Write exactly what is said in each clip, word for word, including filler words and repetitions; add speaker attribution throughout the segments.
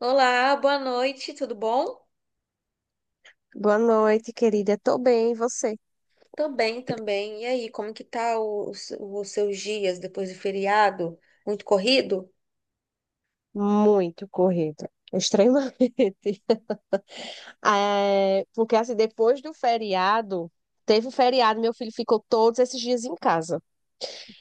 Speaker 1: Olá, boa noite, tudo bom?
Speaker 2: Boa noite, querida. Tô bem, e você?
Speaker 1: Também, também. E aí, como que tá o- os, os seus dias depois do feriado? Muito corrido?
Speaker 2: Muito corrida, extremamente. É, porque assim, depois do feriado, teve o feriado, meu filho ficou todos esses dias em casa.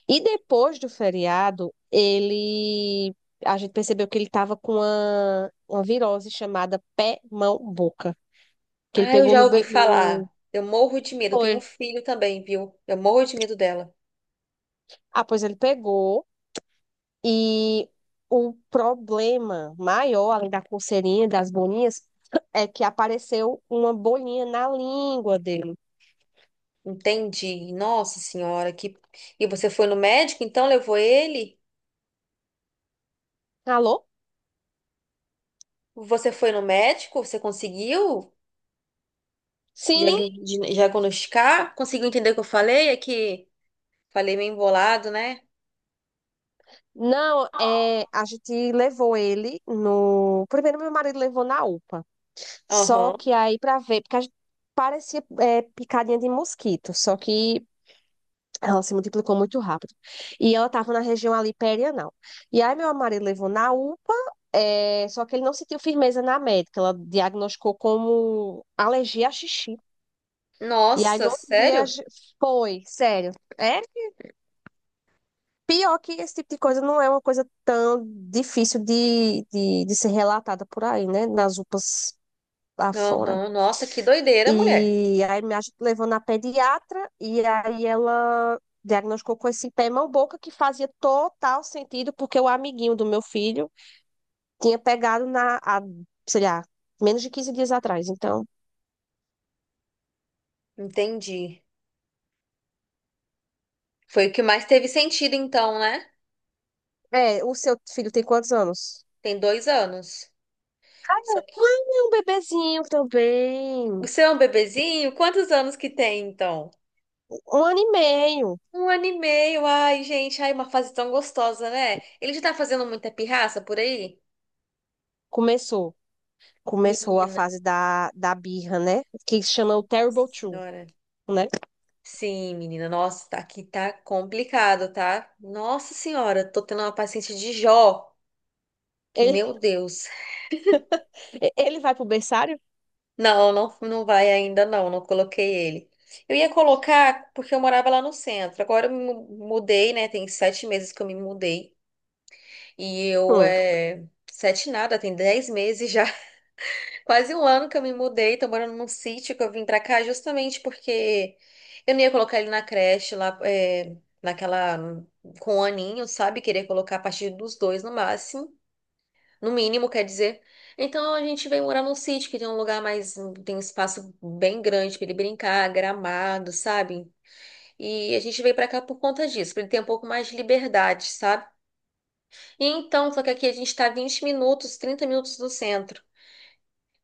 Speaker 2: E depois do feriado, ele a gente percebeu que ele estava com uma, uma virose chamada pé, mão, boca, que ele
Speaker 1: Ah, eu
Speaker 2: pegou
Speaker 1: já
Speaker 2: no,
Speaker 1: ouvi
Speaker 2: be- no...
Speaker 1: falar. Eu morro de medo. Tenho um
Speaker 2: Foi.
Speaker 1: filho também, viu? Eu morro de medo dela.
Speaker 2: Ah, pois ele pegou. E o problema maior, além da coceirinha, das bolinhas, é que apareceu uma bolinha na língua dele.
Speaker 1: Entendi. Nossa senhora. que... E você foi no médico, então levou ele?
Speaker 2: Alô?
Speaker 1: Você foi no médico? Você conseguiu
Speaker 2: Sim.
Speaker 1: diagn- diagnosticar? Conseguiu entender o que eu falei? É que falei meio embolado, né?
Speaker 2: Não, é, a gente levou ele no. Primeiro, meu marido levou na UPA. Só
Speaker 1: Aham.
Speaker 2: que aí, pra ver, porque a gente parecia é, picadinha de mosquito. Só que ela se multiplicou muito rápido. E ela estava na região ali perianal. E aí meu marido levou na UPA, é, só que ele não sentiu firmeza na médica. Ela diagnosticou como alergia a xixi. E aí no
Speaker 1: Nossa,
Speaker 2: outro dia a
Speaker 1: sério?
Speaker 2: foi, sério. É pior que esse tipo de coisa não é uma coisa tão difícil de, de, de ser relatada por aí, né? Nas UPAs lá fora.
Speaker 1: Aham. Nossa, que doideira, mulher.
Speaker 2: E aí me aj- levou na pediatra e aí ela diagnosticou com esse pé mão boca que fazia total sentido porque o amiguinho do meu filho tinha pegado na, há, sei lá, menos de quinze dias atrás. Então,
Speaker 1: Entendi. Foi o que mais teve sentido, então, né?
Speaker 2: é, o seu filho tem quantos anos?
Speaker 1: Tem dois anos. Isso
Speaker 2: Ah,
Speaker 1: aqui-
Speaker 2: é um bebezinho
Speaker 1: O
Speaker 2: também.
Speaker 1: seu é um bebezinho? Quantos anos que tem, então?
Speaker 2: Um ano e meio
Speaker 1: Um ano e meio. Ai, gente, ai, uma fase tão gostosa, né? Ele já tá fazendo muita pirraça por aí?
Speaker 2: começou. Começou a
Speaker 1: Menina,
Speaker 2: fase da, da birra, né? Que chama o
Speaker 1: nossa
Speaker 2: Terrible Two,
Speaker 1: senhora.
Speaker 2: né?
Speaker 1: Sim, menina, nossa, tá- aqui tá complicado, tá? Nossa senhora, tô tendo uma paciente de Jó, que
Speaker 2: Ele,
Speaker 1: meu Deus.
Speaker 2: ele vai pro berçário?
Speaker 1: Não, não, não vai ainda não, não coloquei ele. Eu ia colocar porque eu morava lá no centro. Agora eu me mu- mudei, né? Tem sete meses que eu me mudei. E eu
Speaker 2: Hum.
Speaker 1: é. Sete nada, tem dez meses já. Quase um ano que eu me mudei. Tô morando num sítio que eu vim pra cá justamente porque eu não ia colocar ele na creche lá, é, naquela. Com o aninho, sabe? Queria colocar a partir dos dois no máximo. No mínimo, quer dizer. Então a gente veio morar num sítio que tem um lugar mais, tem um espaço bem grande para ele brincar, gramado, sabe? E a gente veio para cá por conta disso, para ele ter um pouco mais de liberdade, sabe? E então, só que aqui a gente tá vinte minutos, trinta minutos do centro.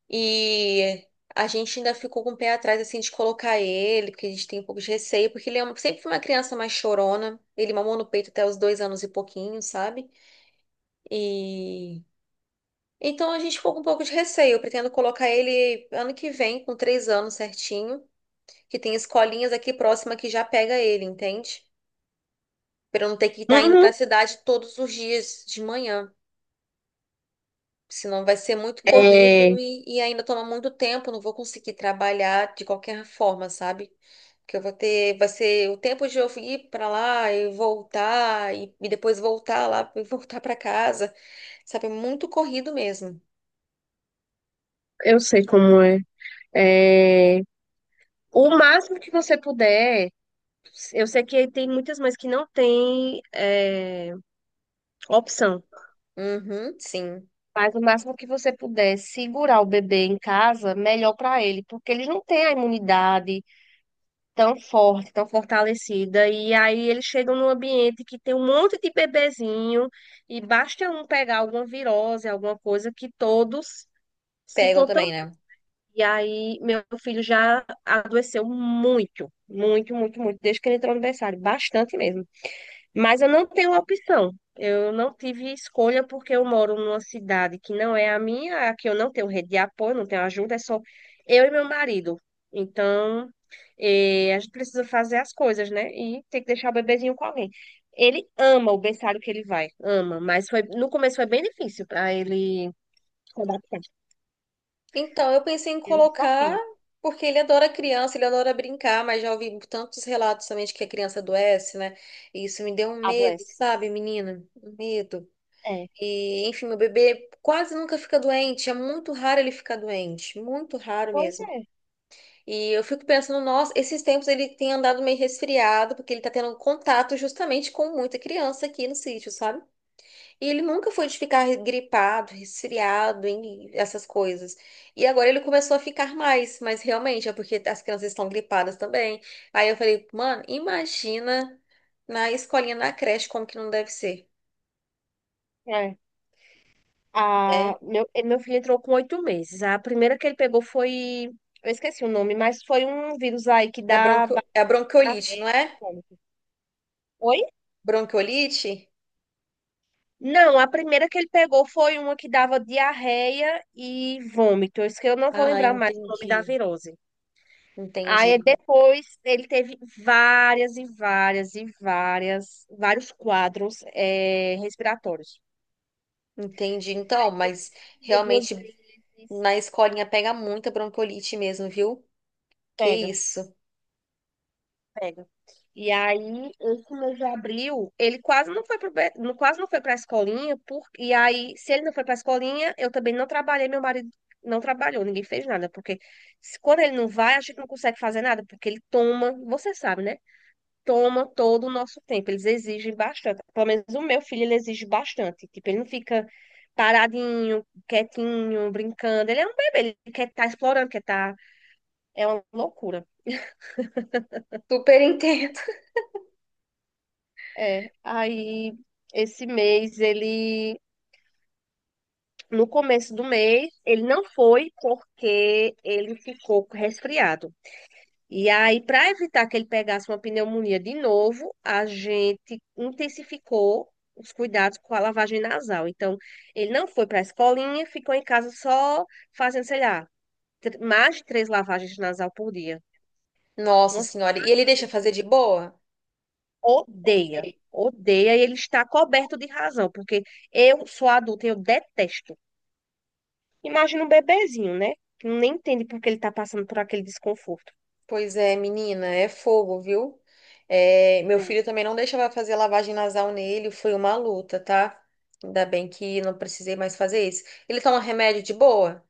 Speaker 1: E a gente ainda ficou com o pé atrás assim de colocar ele, porque a gente tem um pouco de receio, porque ele é um- sempre foi uma criança mais chorona. Ele mamou no peito até os dois anos e pouquinho, sabe? E então a gente ficou com um pouco de receio. Eu pretendo colocar ele ano que vem, com três anos certinho, que tem escolinhas aqui próxima que já pega ele, entende? Para eu não ter que estar indo para a
Speaker 2: Uhum.
Speaker 1: cidade todos os dias de manhã. Senão vai ser muito corrido
Speaker 2: É,
Speaker 1: e, e ainda toma muito tempo, não vou conseguir trabalhar de qualquer forma, sabe? Porque eu vou ter, vai ser o tempo de eu ir para lá e voltar e, e depois voltar lá e voltar para casa, sabe? É muito corrido mesmo.
Speaker 2: eu sei como é. É, o máximo que você puder, eu sei que tem muitas mães que não têm é, opção,
Speaker 1: Uhum, sim.
Speaker 2: mas o máximo que você puder segurar o bebê em casa, melhor para ele, porque ele não tem a imunidade tão forte, tão fortalecida, e aí eles chegam num ambiente que tem um monte de bebezinho, e basta um pegar alguma virose, alguma coisa, que todos se
Speaker 1: Pegam
Speaker 2: contam.
Speaker 1: também, né?
Speaker 2: E aí, meu filho já adoeceu muito, muito, muito, muito, desde que ele entrou no berçário, bastante mesmo. Mas eu não tenho opção. Eu não tive escolha porque eu moro numa cidade que não é a minha, a que eu não tenho rede de apoio, não tenho ajuda, é só eu e meu marido. Então, eh, a gente precisa fazer as coisas, né? E tem que deixar o bebezinho com alguém. Ele ama o berçário que ele vai, ama, mas foi, no começo foi bem difícil para ele se adaptar.
Speaker 1: Então, eu pensei em
Speaker 2: É um
Speaker 1: colocar,
Speaker 2: desafio,
Speaker 1: porque ele adora criança, ele adora brincar, mas já ouvi tantos relatos também de que a criança adoece, né? E isso me deu um medo,
Speaker 2: adoece.
Speaker 1: sabe, menina? Um medo.
Speaker 2: É.
Speaker 1: E, enfim, meu bebê quase nunca fica doente, é muito raro ele ficar doente, muito raro
Speaker 2: Pois
Speaker 1: mesmo.
Speaker 2: é.
Speaker 1: E eu fico pensando, nossa, esses tempos ele tem andado meio resfriado, porque ele tá tendo contato justamente com muita criança aqui no sítio, sabe? E ele nunca foi de ficar gripado, resfriado, em essas coisas. E agora ele começou a ficar mais, mas realmente é porque as crianças estão gripadas também. Aí eu falei, mano, imagina na escolinha, na creche, como que não deve ser,
Speaker 2: É. A,
Speaker 1: né?
Speaker 2: meu, e- meu filho entrou com oito meses. A primeira que ele pegou foi. Eu esqueci o nome, mas foi um vírus aí que
Speaker 1: É
Speaker 2: dá
Speaker 1: bronco...
Speaker 2: ba-
Speaker 1: é a bronquiolite, não
Speaker 2: diarreia e
Speaker 1: é?
Speaker 2: vômito. Oi?
Speaker 1: Bronquiolite?
Speaker 2: Não, a primeira que ele pegou foi uma que dava diarreia e vômito. Isso que eu não vou
Speaker 1: Ah,
Speaker 2: lembrar mais o nome da
Speaker 1: entendi.
Speaker 2: virose. Aí
Speaker 1: Entendi,
Speaker 2: depois ele teve várias e várias e várias, vários quadros eh, respiratórios.
Speaker 1: entendi. Então, mas
Speaker 2: Ia duas
Speaker 1: realmente
Speaker 2: vezes,
Speaker 1: na escolinha pega muita bronquiolite mesmo, viu? Que
Speaker 2: pega.
Speaker 1: isso.
Speaker 2: Pega. E aí, esse mês de abril, ele quase não foi para quase não foi para a escolinha, por, e aí, se ele não foi para a escolinha, eu também não trabalhei, meu marido não trabalhou, ninguém fez nada, porque se- quando ele não vai, a gente não consegue fazer nada, porque ele toma, você sabe, né? Toma todo o nosso tempo, eles exigem bastante. Pelo menos o meu filho, ele exige bastante. Tipo, ele não fica paradinho, quietinho, brincando. Ele é um bebê, ele quer estar explorando, quer estar... É uma loucura.
Speaker 1: Super entendo.
Speaker 2: É, aí esse mês ele, no começo do mês, ele não foi porque ele ficou resfriado. E aí, para evitar que ele pegasse uma pneumonia de novo, a gente intensificou os cuidados com a lavagem nasal. Então, ele não foi para a escolinha, ficou em casa só fazendo, sei lá, tr- mais de três lavagens nasal por dia.
Speaker 1: Nossa
Speaker 2: Umas
Speaker 1: senhora, e ele
Speaker 2: quatro,
Speaker 1: deixa fazer de boa?
Speaker 2: odeia,
Speaker 1: Sei.
Speaker 2: odeia e ele está coberto de razão, porque eu sou adulta e eu detesto. Imagina um bebezinho, né? Que nem entende por que ele está passando por aquele desconforto.
Speaker 1: Pois é, menina, é fogo, viu? É, meu filho
Speaker 2: É.
Speaker 1: também não deixava fazer lavagem nasal nele, foi uma luta, tá? Ainda bem que não precisei mais fazer isso. Ele toma remédio de boa?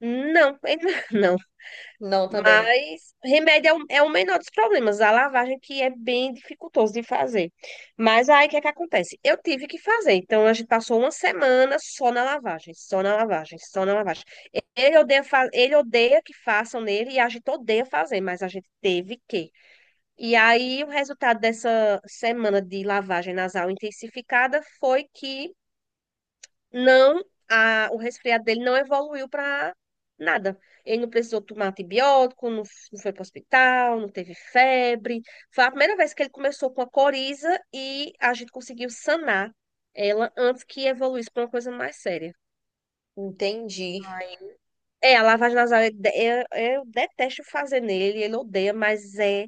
Speaker 2: Não, ele não.
Speaker 1: Não, também, né?
Speaker 2: Mas remédio é o, é o menor dos problemas. A lavagem que é bem dificultoso de fazer. Mas aí o que é que acontece? Eu tive que fazer. Então a gente passou uma semana só na lavagem, só na lavagem, só na lavagem. Ele odeia, fa- ele odeia que façam nele e a gente odeia fazer, mas a gente teve que. E aí, o resultado dessa semana de lavagem nasal intensificada foi que não, a, o resfriado dele não evoluiu para nada. Ele não precisou tomar antibiótico, não, f- não foi para o hospital, não teve febre. Foi a primeira vez que ele começou com a coriza e a gente conseguiu sanar ela antes que evoluísse para uma coisa mais séria.
Speaker 1: Entendi,
Speaker 2: Ai, é, a lavagem nasal, eu, de- eu, eu detesto fazer nele, ele odeia, mas é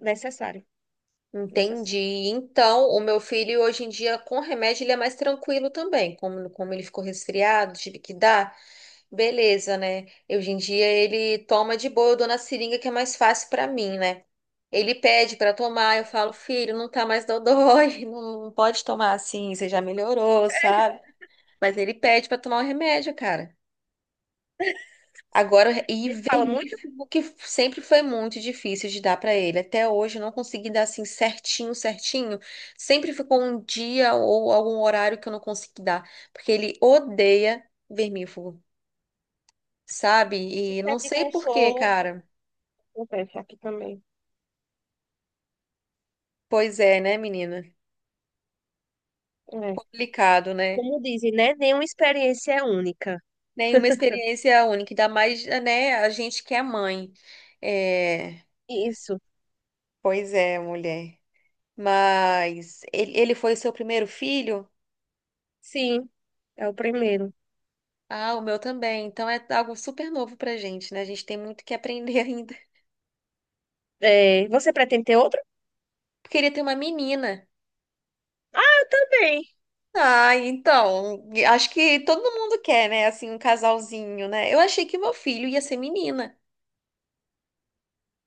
Speaker 2: necessário. Necessário.
Speaker 1: entendi. Então, o meu filho hoje em dia, com remédio, ele é mais tranquilo também. Como, como ele ficou resfriado, tive que dar. Beleza, né? Hoje em dia ele toma de boa, eu dou na seringa que é mais fácil pra mim, né? Ele pede pra tomar, eu falo, filho, não tá mais dodói, não não pode tomar assim, você já melhorou, sabe? Mas ele pede pra tomar o remédio, cara. Agora,
Speaker 2: Ele fala muito.
Speaker 1: ivermífugo, que sempre foi muito difícil de dar pra ele. Até hoje eu não consegui dar assim certinho, certinho. Sempre ficou um dia ou algum horário que eu não consegui dar, porque ele odeia vermífugo. sabe?
Speaker 2: E
Speaker 1: E não
Speaker 2: serve de
Speaker 1: sei por quê,
Speaker 2: consolo.
Speaker 1: cara.
Speaker 2: Acontece aqui também.
Speaker 1: Pois é, né, menina?
Speaker 2: É.
Speaker 1: Complicado, né?
Speaker 2: Como dizem, né? Nenhuma experiência é única.
Speaker 1: Nenhuma experiência única, ainda mais, eh, né, a gente que é mãe. É,
Speaker 2: Isso.
Speaker 1: pois é, mulher. Mas ele, ele foi o seu primeiro filho?
Speaker 2: Sim, é o
Speaker 1: Sim.
Speaker 2: primeiro.
Speaker 1: Ah, o meu também. Então é algo super novo pra gente, né? A gente tem muito que aprender ainda.
Speaker 2: É, você pretende ter outro?
Speaker 1: Eu Queria ter uma menina.
Speaker 2: Ah, eu também.
Speaker 1: Ah, então, acho que todo mundo quer, né? Assim, um casalzinho, né? Eu achei que meu filho ia ser menina.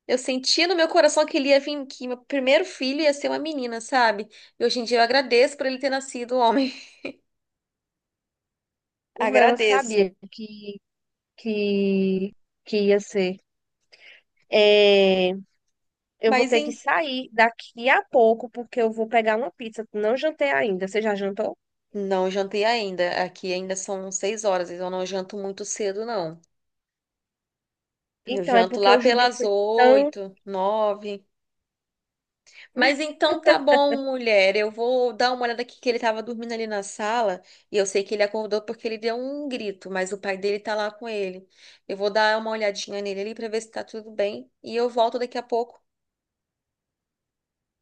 Speaker 1: Eu sentia no meu coração que ele ia vir, que meu primeiro filho ia ser uma menina, sabe? E hoje em dia eu agradeço por ele ter nascido um homem.
Speaker 2: O meu eu
Speaker 1: Agradeço.
Speaker 2: sabia que, que, que ia ser. É, eu vou
Speaker 1: Mas
Speaker 2: ter que
Speaker 1: em...
Speaker 2: sair daqui a pouco, porque eu vou pegar uma pizza. Não jantei ainda. Você já jantou?
Speaker 1: não jantei ainda. Aqui ainda são seis horas, então eu não janto muito cedo, não. Eu
Speaker 2: Então, é
Speaker 1: janto
Speaker 2: porque
Speaker 1: lá
Speaker 2: hoje o dia
Speaker 1: pelas
Speaker 2: foi tão.
Speaker 1: oito, nove. Mas então tá bom, mulher. Eu vou dar uma olhada aqui que ele tava dormindo ali na sala. E eu sei que ele acordou porque ele deu um grito, mas o pai dele tá lá com ele. Eu vou dar uma olhadinha nele ali pra ver se tá tudo bem. E eu volto daqui a pouco.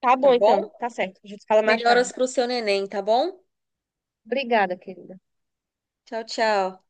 Speaker 2: Tá
Speaker 1: tá
Speaker 2: bom,
Speaker 1: bom?
Speaker 2: então. Tá certo. A gente fala mais
Speaker 1: Melhoras
Speaker 2: tarde.
Speaker 1: pro seu neném, tá bom?
Speaker 2: Obrigada, querida.
Speaker 1: Tchau, tchau.